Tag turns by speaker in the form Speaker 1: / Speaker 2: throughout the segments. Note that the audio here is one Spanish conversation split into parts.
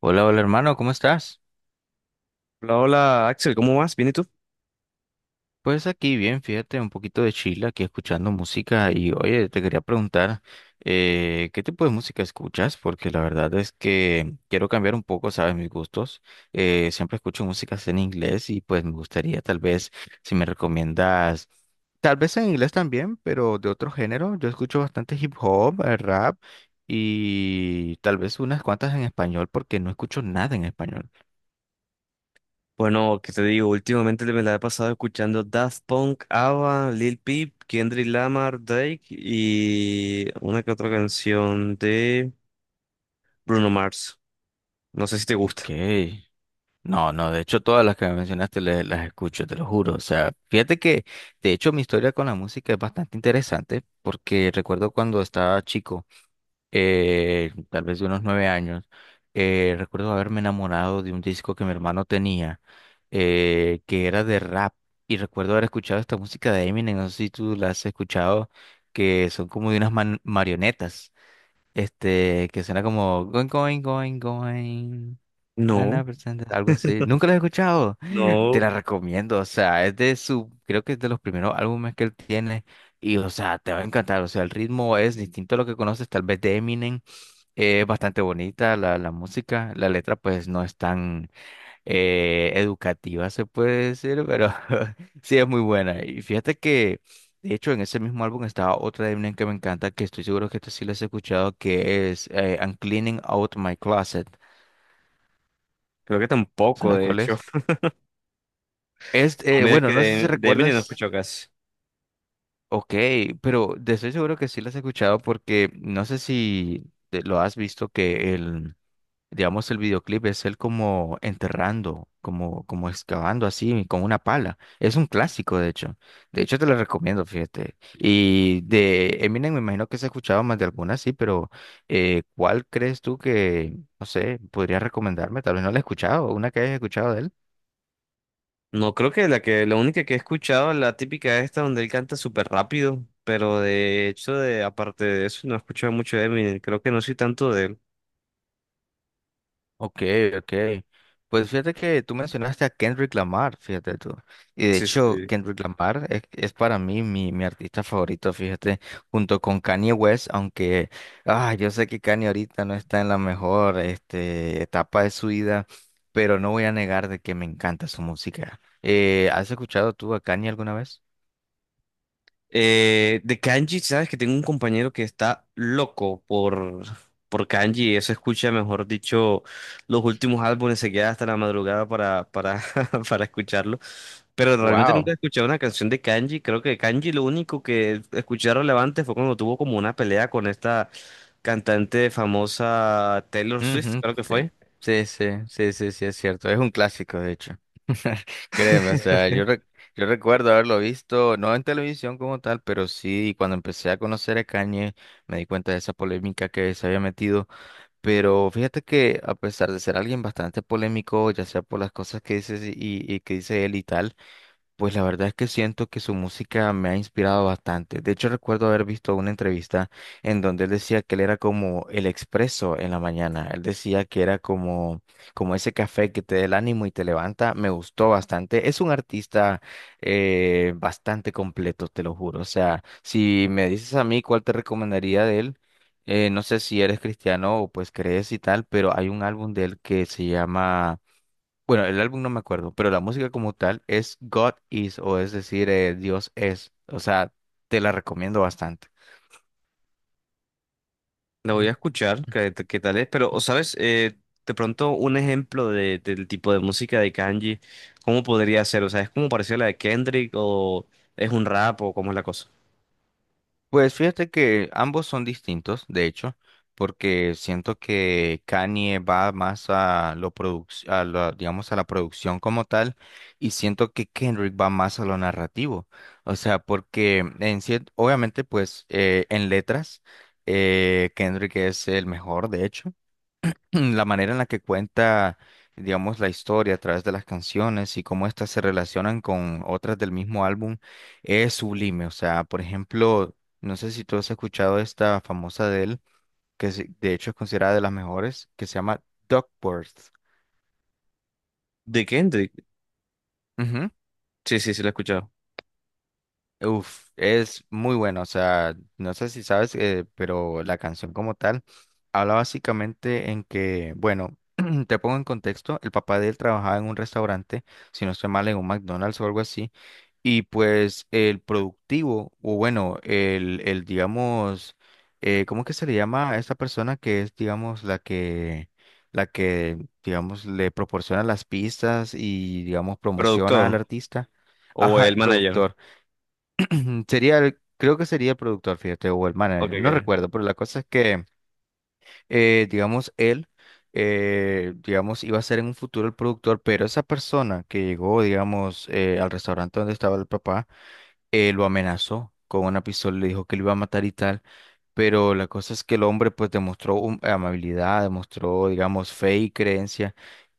Speaker 1: Hola, hola hermano, ¿cómo estás?
Speaker 2: Hola, hola Axel, ¿cómo vas? ¿Bien y tú?
Speaker 1: Pues aquí bien, fíjate, un poquito de chila, aquí escuchando música y oye, te quería preguntar, ¿qué tipo de música escuchas? Porque la verdad es que quiero cambiar un poco, ¿sabes? Mis gustos. Siempre escucho músicas en inglés y pues me gustaría tal vez, si me recomiendas, tal vez en inglés también, pero de otro género. Yo escucho bastante hip hop, rap y tal vez unas cuantas en español porque no escucho nada en español.
Speaker 2: Bueno, ¿qué te digo? Últimamente me la he pasado escuchando Daft Punk, ABBA, Lil Peep, Kendrick Lamar, Drake y una que otra canción de Bruno Mars. No sé si te
Speaker 1: Ok.
Speaker 2: gusta.
Speaker 1: No, no, de hecho todas las que me mencionaste las escucho, te lo juro. O sea, fíjate que de hecho mi historia con la música es bastante interesante porque recuerdo cuando estaba chico, tal vez de unos nueve años, recuerdo haberme enamorado de un disco que mi hermano tenía, que era de rap. Y recuerdo haber escuchado esta música de Eminem, no sé si tú la has escuchado, que son como de unas marionetas. Que suena como going, going, going, going.
Speaker 2: No,
Speaker 1: Ana presente algo así. Nunca lo he escuchado. Te
Speaker 2: no,
Speaker 1: la recomiendo. O sea, es de su, creo que es de los primeros álbumes que él tiene. Y, o sea, te va a encantar. O sea, el ritmo es distinto a lo que conoces, tal vez de Eminem. Es bastante bonita la música. La letra, pues, no es tan educativa, se puede decir, pero sí es muy buena. Y fíjate que, de hecho, en ese mismo álbum estaba otra de Eminem que me encanta, que estoy seguro que esta sí la has escuchado, que es I'm Cleaning Out My Closet.
Speaker 2: creo que tampoco,
Speaker 1: ¿Sabes
Speaker 2: de
Speaker 1: cuál
Speaker 2: hecho.
Speaker 1: es?
Speaker 2: No,
Speaker 1: Es,
Speaker 2: mira que
Speaker 1: bueno, no sé si
Speaker 2: de Eminem no
Speaker 1: recuerdas,
Speaker 2: escucho casi.
Speaker 1: ok, pero de estoy seguro que sí la has escuchado porque no sé si lo has visto que el… Digamos, el videoclip es él como enterrando, como, como excavando así con una pala. Es un clásico, de hecho. De hecho, te lo recomiendo, fíjate. Y de Eminem, me imagino que se ha escuchado más de alguna, sí, pero ¿cuál crees tú que, no sé, podrías recomendarme? Tal vez no la he escuchado, una que hayas escuchado de él.
Speaker 2: No, creo que la única que he escuchado es la típica esta donde él canta súper rápido, pero de hecho, de aparte de eso, no he escuchado mucho de Eminem. Creo que no soy tanto de él.
Speaker 1: Ok, ok. Pues fíjate que tú mencionaste a Kendrick Lamar, fíjate tú. Y de
Speaker 2: Sí, sí,
Speaker 1: hecho,
Speaker 2: sí.
Speaker 1: Kendrick Lamar es para mí mi artista favorito, fíjate, junto con Kanye West, aunque yo sé que Kanye ahorita no está en la mejor este, etapa de su vida, pero no voy a negar de que me encanta su música. ¿Has escuchado tú a Kanye alguna vez?
Speaker 2: De kanji, sabes que tengo un compañero que está loco por kanji, eso escucha, mejor dicho, los últimos álbumes, se queda hasta la madrugada para para escucharlo, pero realmente nunca
Speaker 1: Wow.
Speaker 2: he escuchado una canción de kanji. Creo que kanji lo único que escuché relevante fue cuando tuvo como una pelea con esta cantante famosa Taylor Swift,
Speaker 1: Ujú,
Speaker 2: creo que fue.
Speaker 1: sí, sí, sí, sí, sí, es cierto. Es un clásico, de hecho. Créeme, o sea, yo recuerdo haberlo visto, no en televisión como tal, pero sí, cuando empecé a conocer a Kanye, me di cuenta de esa polémica que se había metido. Pero fíjate que, a pesar de ser alguien bastante polémico, ya sea por las cosas que dices y que dice él y tal, pues la verdad es que siento que su música me ha inspirado bastante. De hecho, recuerdo haber visto una entrevista en donde él decía que él era como el expreso en la mañana. Él decía que era como, como ese café que te da el ánimo y te levanta. Me gustó bastante. Es un artista bastante completo, te lo juro. O sea, si me dices a mí cuál te recomendaría de él, no sé si eres cristiano o pues crees y tal, pero hay un álbum de él que se llama bueno, el álbum no me acuerdo, pero la música como tal es God Is, o es decir, Dios es. O sea, te la recomiendo bastante.
Speaker 2: La voy
Speaker 1: Mm.
Speaker 2: a escuchar, qué, qué tal es, pero, o ¿sabes? De pronto un ejemplo del tipo de música de Kanji, ¿cómo podría ser? O sea, ¿es como parecida a la de Kendrick o es un rap o cómo es la cosa?
Speaker 1: Pues fíjate que ambos son distintos, de hecho, porque siento que Kanye va más a lo a digamos, a la producción como tal, y siento que Kendrick va más a lo narrativo. O sea, porque en obviamente, pues, en letras, Kendrick es el mejor, de hecho la manera en la que cuenta, digamos, la historia a través de las canciones y cómo éstas se relacionan con otras del mismo álbum es sublime. O sea, por ejemplo, no sé si tú has escuchado esta famosa de él, que de hecho es considerada de las mejores, que se llama Duckworth.
Speaker 2: ¿De Kendrick? Sí, sí, sí, lo he escuchado.
Speaker 1: Uf, es muy bueno, o sea, no sé si sabes, pero la canción como tal habla básicamente en que, bueno, te pongo en contexto, el papá de él trabajaba en un restaurante, si no estoy mal, en un McDonald's o algo así, y pues el productivo, o bueno, el digamos, ¿cómo que se le llama a esta persona que es, digamos, la que, digamos, le proporciona las pistas y, digamos, promociona al
Speaker 2: ¿Productor
Speaker 1: artista?
Speaker 2: o
Speaker 1: Ajá,
Speaker 2: el
Speaker 1: el
Speaker 2: manager?
Speaker 1: productor. Ujú, sería el, creo que sería el productor, fíjate, o el
Speaker 2: Ok,
Speaker 1: manager, no
Speaker 2: ok.
Speaker 1: recuerdo, pero la cosa es que, digamos, él, digamos, iba a ser en un futuro el productor, pero esa persona que llegó, digamos, al restaurante donde estaba el papá, lo amenazó con una pistola, le dijo que lo iba a matar y tal. Pero la cosa es que el hombre pues demostró amabilidad, demostró, digamos, fe y creencia,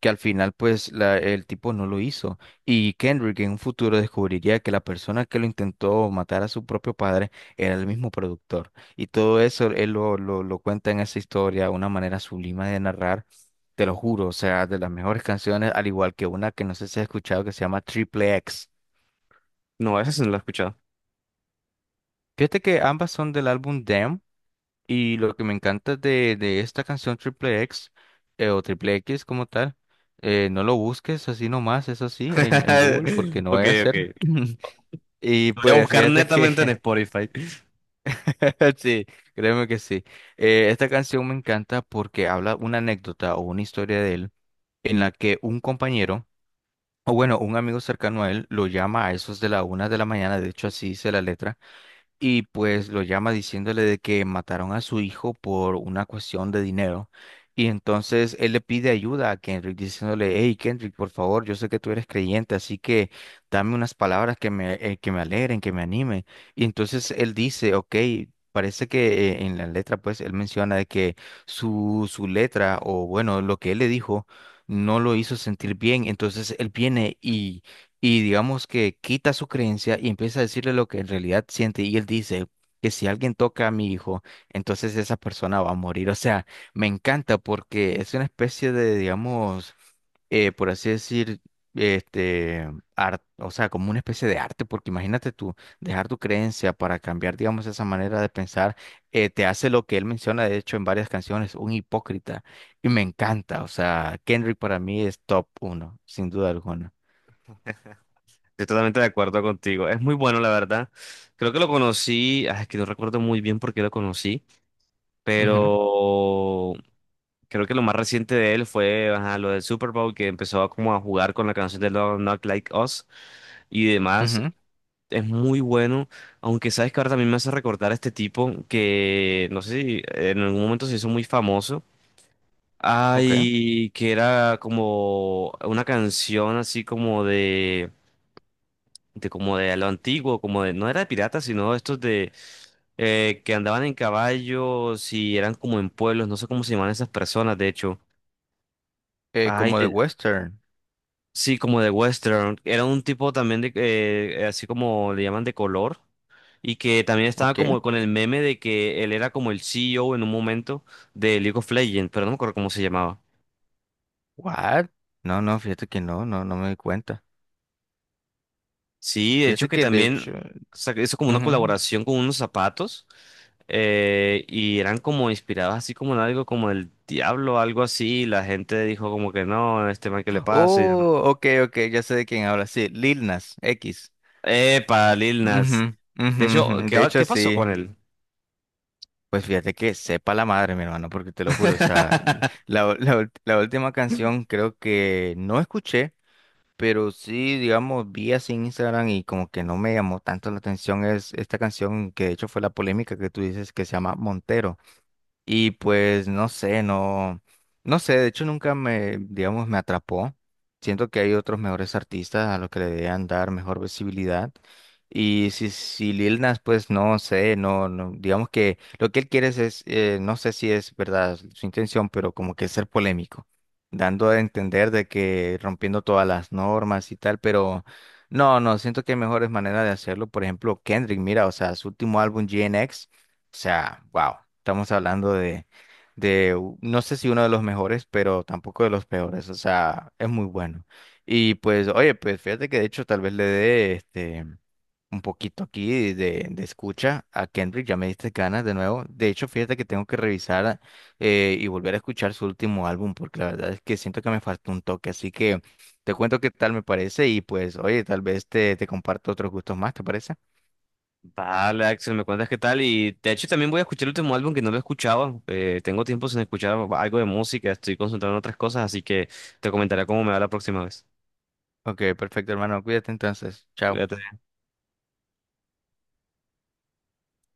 Speaker 1: que al final pues el tipo no lo hizo. Y Kendrick en un futuro descubriría que la persona que lo intentó matar a su propio padre era el mismo productor. Y todo eso él lo cuenta en esa historia, una manera sublime de narrar, te lo juro, o sea, de las mejores canciones, al igual que una que no sé si has escuchado que se llama Triple X.
Speaker 2: No, esa sí no la he escuchado.
Speaker 1: Fíjate que ambas son del álbum Damn. Y lo que me encanta de esta canción Triple X o Triple X como tal, no lo busques así nomás, es así en Google porque no
Speaker 2: Ok,
Speaker 1: vaya a
Speaker 2: ok.
Speaker 1: ser. Y
Speaker 2: Lo voy a
Speaker 1: pues
Speaker 2: buscar
Speaker 1: fíjate
Speaker 2: netamente en
Speaker 1: que
Speaker 2: Spotify.
Speaker 1: sí, créeme que sí. Esta canción me encanta porque habla una anécdota o una historia de él en la que un compañero, o bueno, un amigo cercano a él, lo llama a esos de la una de la mañana, de hecho así dice la letra y pues lo llama diciéndole de que mataron a su hijo por una cuestión de dinero. Y entonces él le pide ayuda a Kendrick diciéndole, hey Kendrick, por favor, yo sé que tú eres creyente, así que dame unas palabras que me que me alegren, que me animen. Y entonces él dice, ok, parece que en la letra, pues él menciona de que su letra, o bueno, lo que él le dijo, no lo hizo sentir bien. Entonces él viene y digamos que quita su creencia y empieza a decirle lo que en realidad siente y él dice que si alguien toca a mi hijo, entonces esa persona va a morir. O sea, me encanta porque es una especie de, digamos, por así decir, este, arte, o sea, como una especie de arte, porque imagínate tú, dejar tu creencia para cambiar, digamos, esa manera de pensar, te hace lo que él menciona, de hecho, en varias canciones, un hipócrita. Y me encanta, o sea, Kendrick para mí es top 1, sin duda alguna.
Speaker 2: Estoy totalmente de acuerdo contigo. Es muy bueno, la verdad. Creo que lo conocí, ah, es que no recuerdo muy bien por qué lo conocí,
Speaker 1: Ujú,
Speaker 2: pero... Creo que lo más reciente de él fue ajá, lo del Super Bowl, que empezó a como a jugar con la canción de Love Not Like Us y demás.
Speaker 1: ujú.
Speaker 2: Es muy bueno, aunque sabes que ahora también me hace recordar a este tipo que no sé si en algún momento se hizo muy famoso.
Speaker 1: Ok.
Speaker 2: Ay, que era como una canción así como de como de lo antiguo, como de, no era de piratas, sino estos de que andaban en caballos y eran como en pueblos, no sé cómo se llaman esas personas, de hecho. Ay,
Speaker 1: Como de western.
Speaker 2: sí, como de western. Era un tipo también de, así como le llaman de color. Y que también estaba
Speaker 1: Ok.
Speaker 2: como con el meme de que él era como el C. E. O. en un momento de League of Legends, pero no me acuerdo cómo se llamaba.
Speaker 1: What? No, no, fíjate que no, no, no me di cuenta.
Speaker 2: Sí, de hecho
Speaker 1: Fíjate
Speaker 2: que
Speaker 1: que de hecho.
Speaker 2: también hizo como una
Speaker 1: Ujú.
Speaker 2: colaboración con unos zapatos y eran como inspirados así como en algo como el diablo, algo así. Y la gente dijo como que no, este man que le pasa. Y demás.
Speaker 1: Oh, ok, ok, ya sé de quién habla. Sí, Lil Nas X.
Speaker 2: Epa, Lil Nas.
Speaker 1: Ujú, ujú,
Speaker 2: De hecho,
Speaker 1: ujú,
Speaker 2: ¿qué,
Speaker 1: de hecho,
Speaker 2: qué pasó
Speaker 1: sí.
Speaker 2: con él?
Speaker 1: Pues fíjate que sepa la madre, mi hermano, porque te lo juro. O sea, la última canción creo que no escuché, pero sí, digamos, vi así en Instagram y como que no me llamó tanto la atención. Es esta canción que de hecho fue la polémica que tú dices que se llama Montero. Y pues no sé, no, no sé, de hecho nunca me, digamos, me atrapó. Siento que hay otros mejores artistas a los que le deberían dar mejor visibilidad. Y si Lil Nas, pues no sé, no, no, digamos que lo que él quiere es, no sé si es verdad su intención, pero como que ser polémico, dando a entender de que rompiendo todas las normas y tal, pero no, no, siento que hay mejores maneras de hacerlo. Por ejemplo, Kendrick, mira, o sea, su último álbum, GNX o sea, wow, estamos hablando de, no sé si uno de los mejores, pero tampoco de los peores, o sea, es muy bueno. Y pues, oye, pues fíjate que de hecho tal vez le dé este, un poquito aquí de escucha a Kendrick, ya me diste ganas de nuevo. De hecho, fíjate que tengo que revisar y volver a escuchar su último álbum, porque la verdad es que siento que me faltó un toque, así que te cuento qué tal me parece y pues, oye, tal vez te comparto otros gustos más, ¿te parece?
Speaker 2: Vale, Axel, me cuentas qué tal. Y de hecho también voy a escuchar el último álbum que no lo escuchaba. Tengo tiempo sin escuchar algo de música, estoy concentrado en otras cosas, así que te comentaré cómo me va la próxima vez.
Speaker 1: Ok, perfecto, hermano, cuídate entonces, chao.
Speaker 2: Cuídate.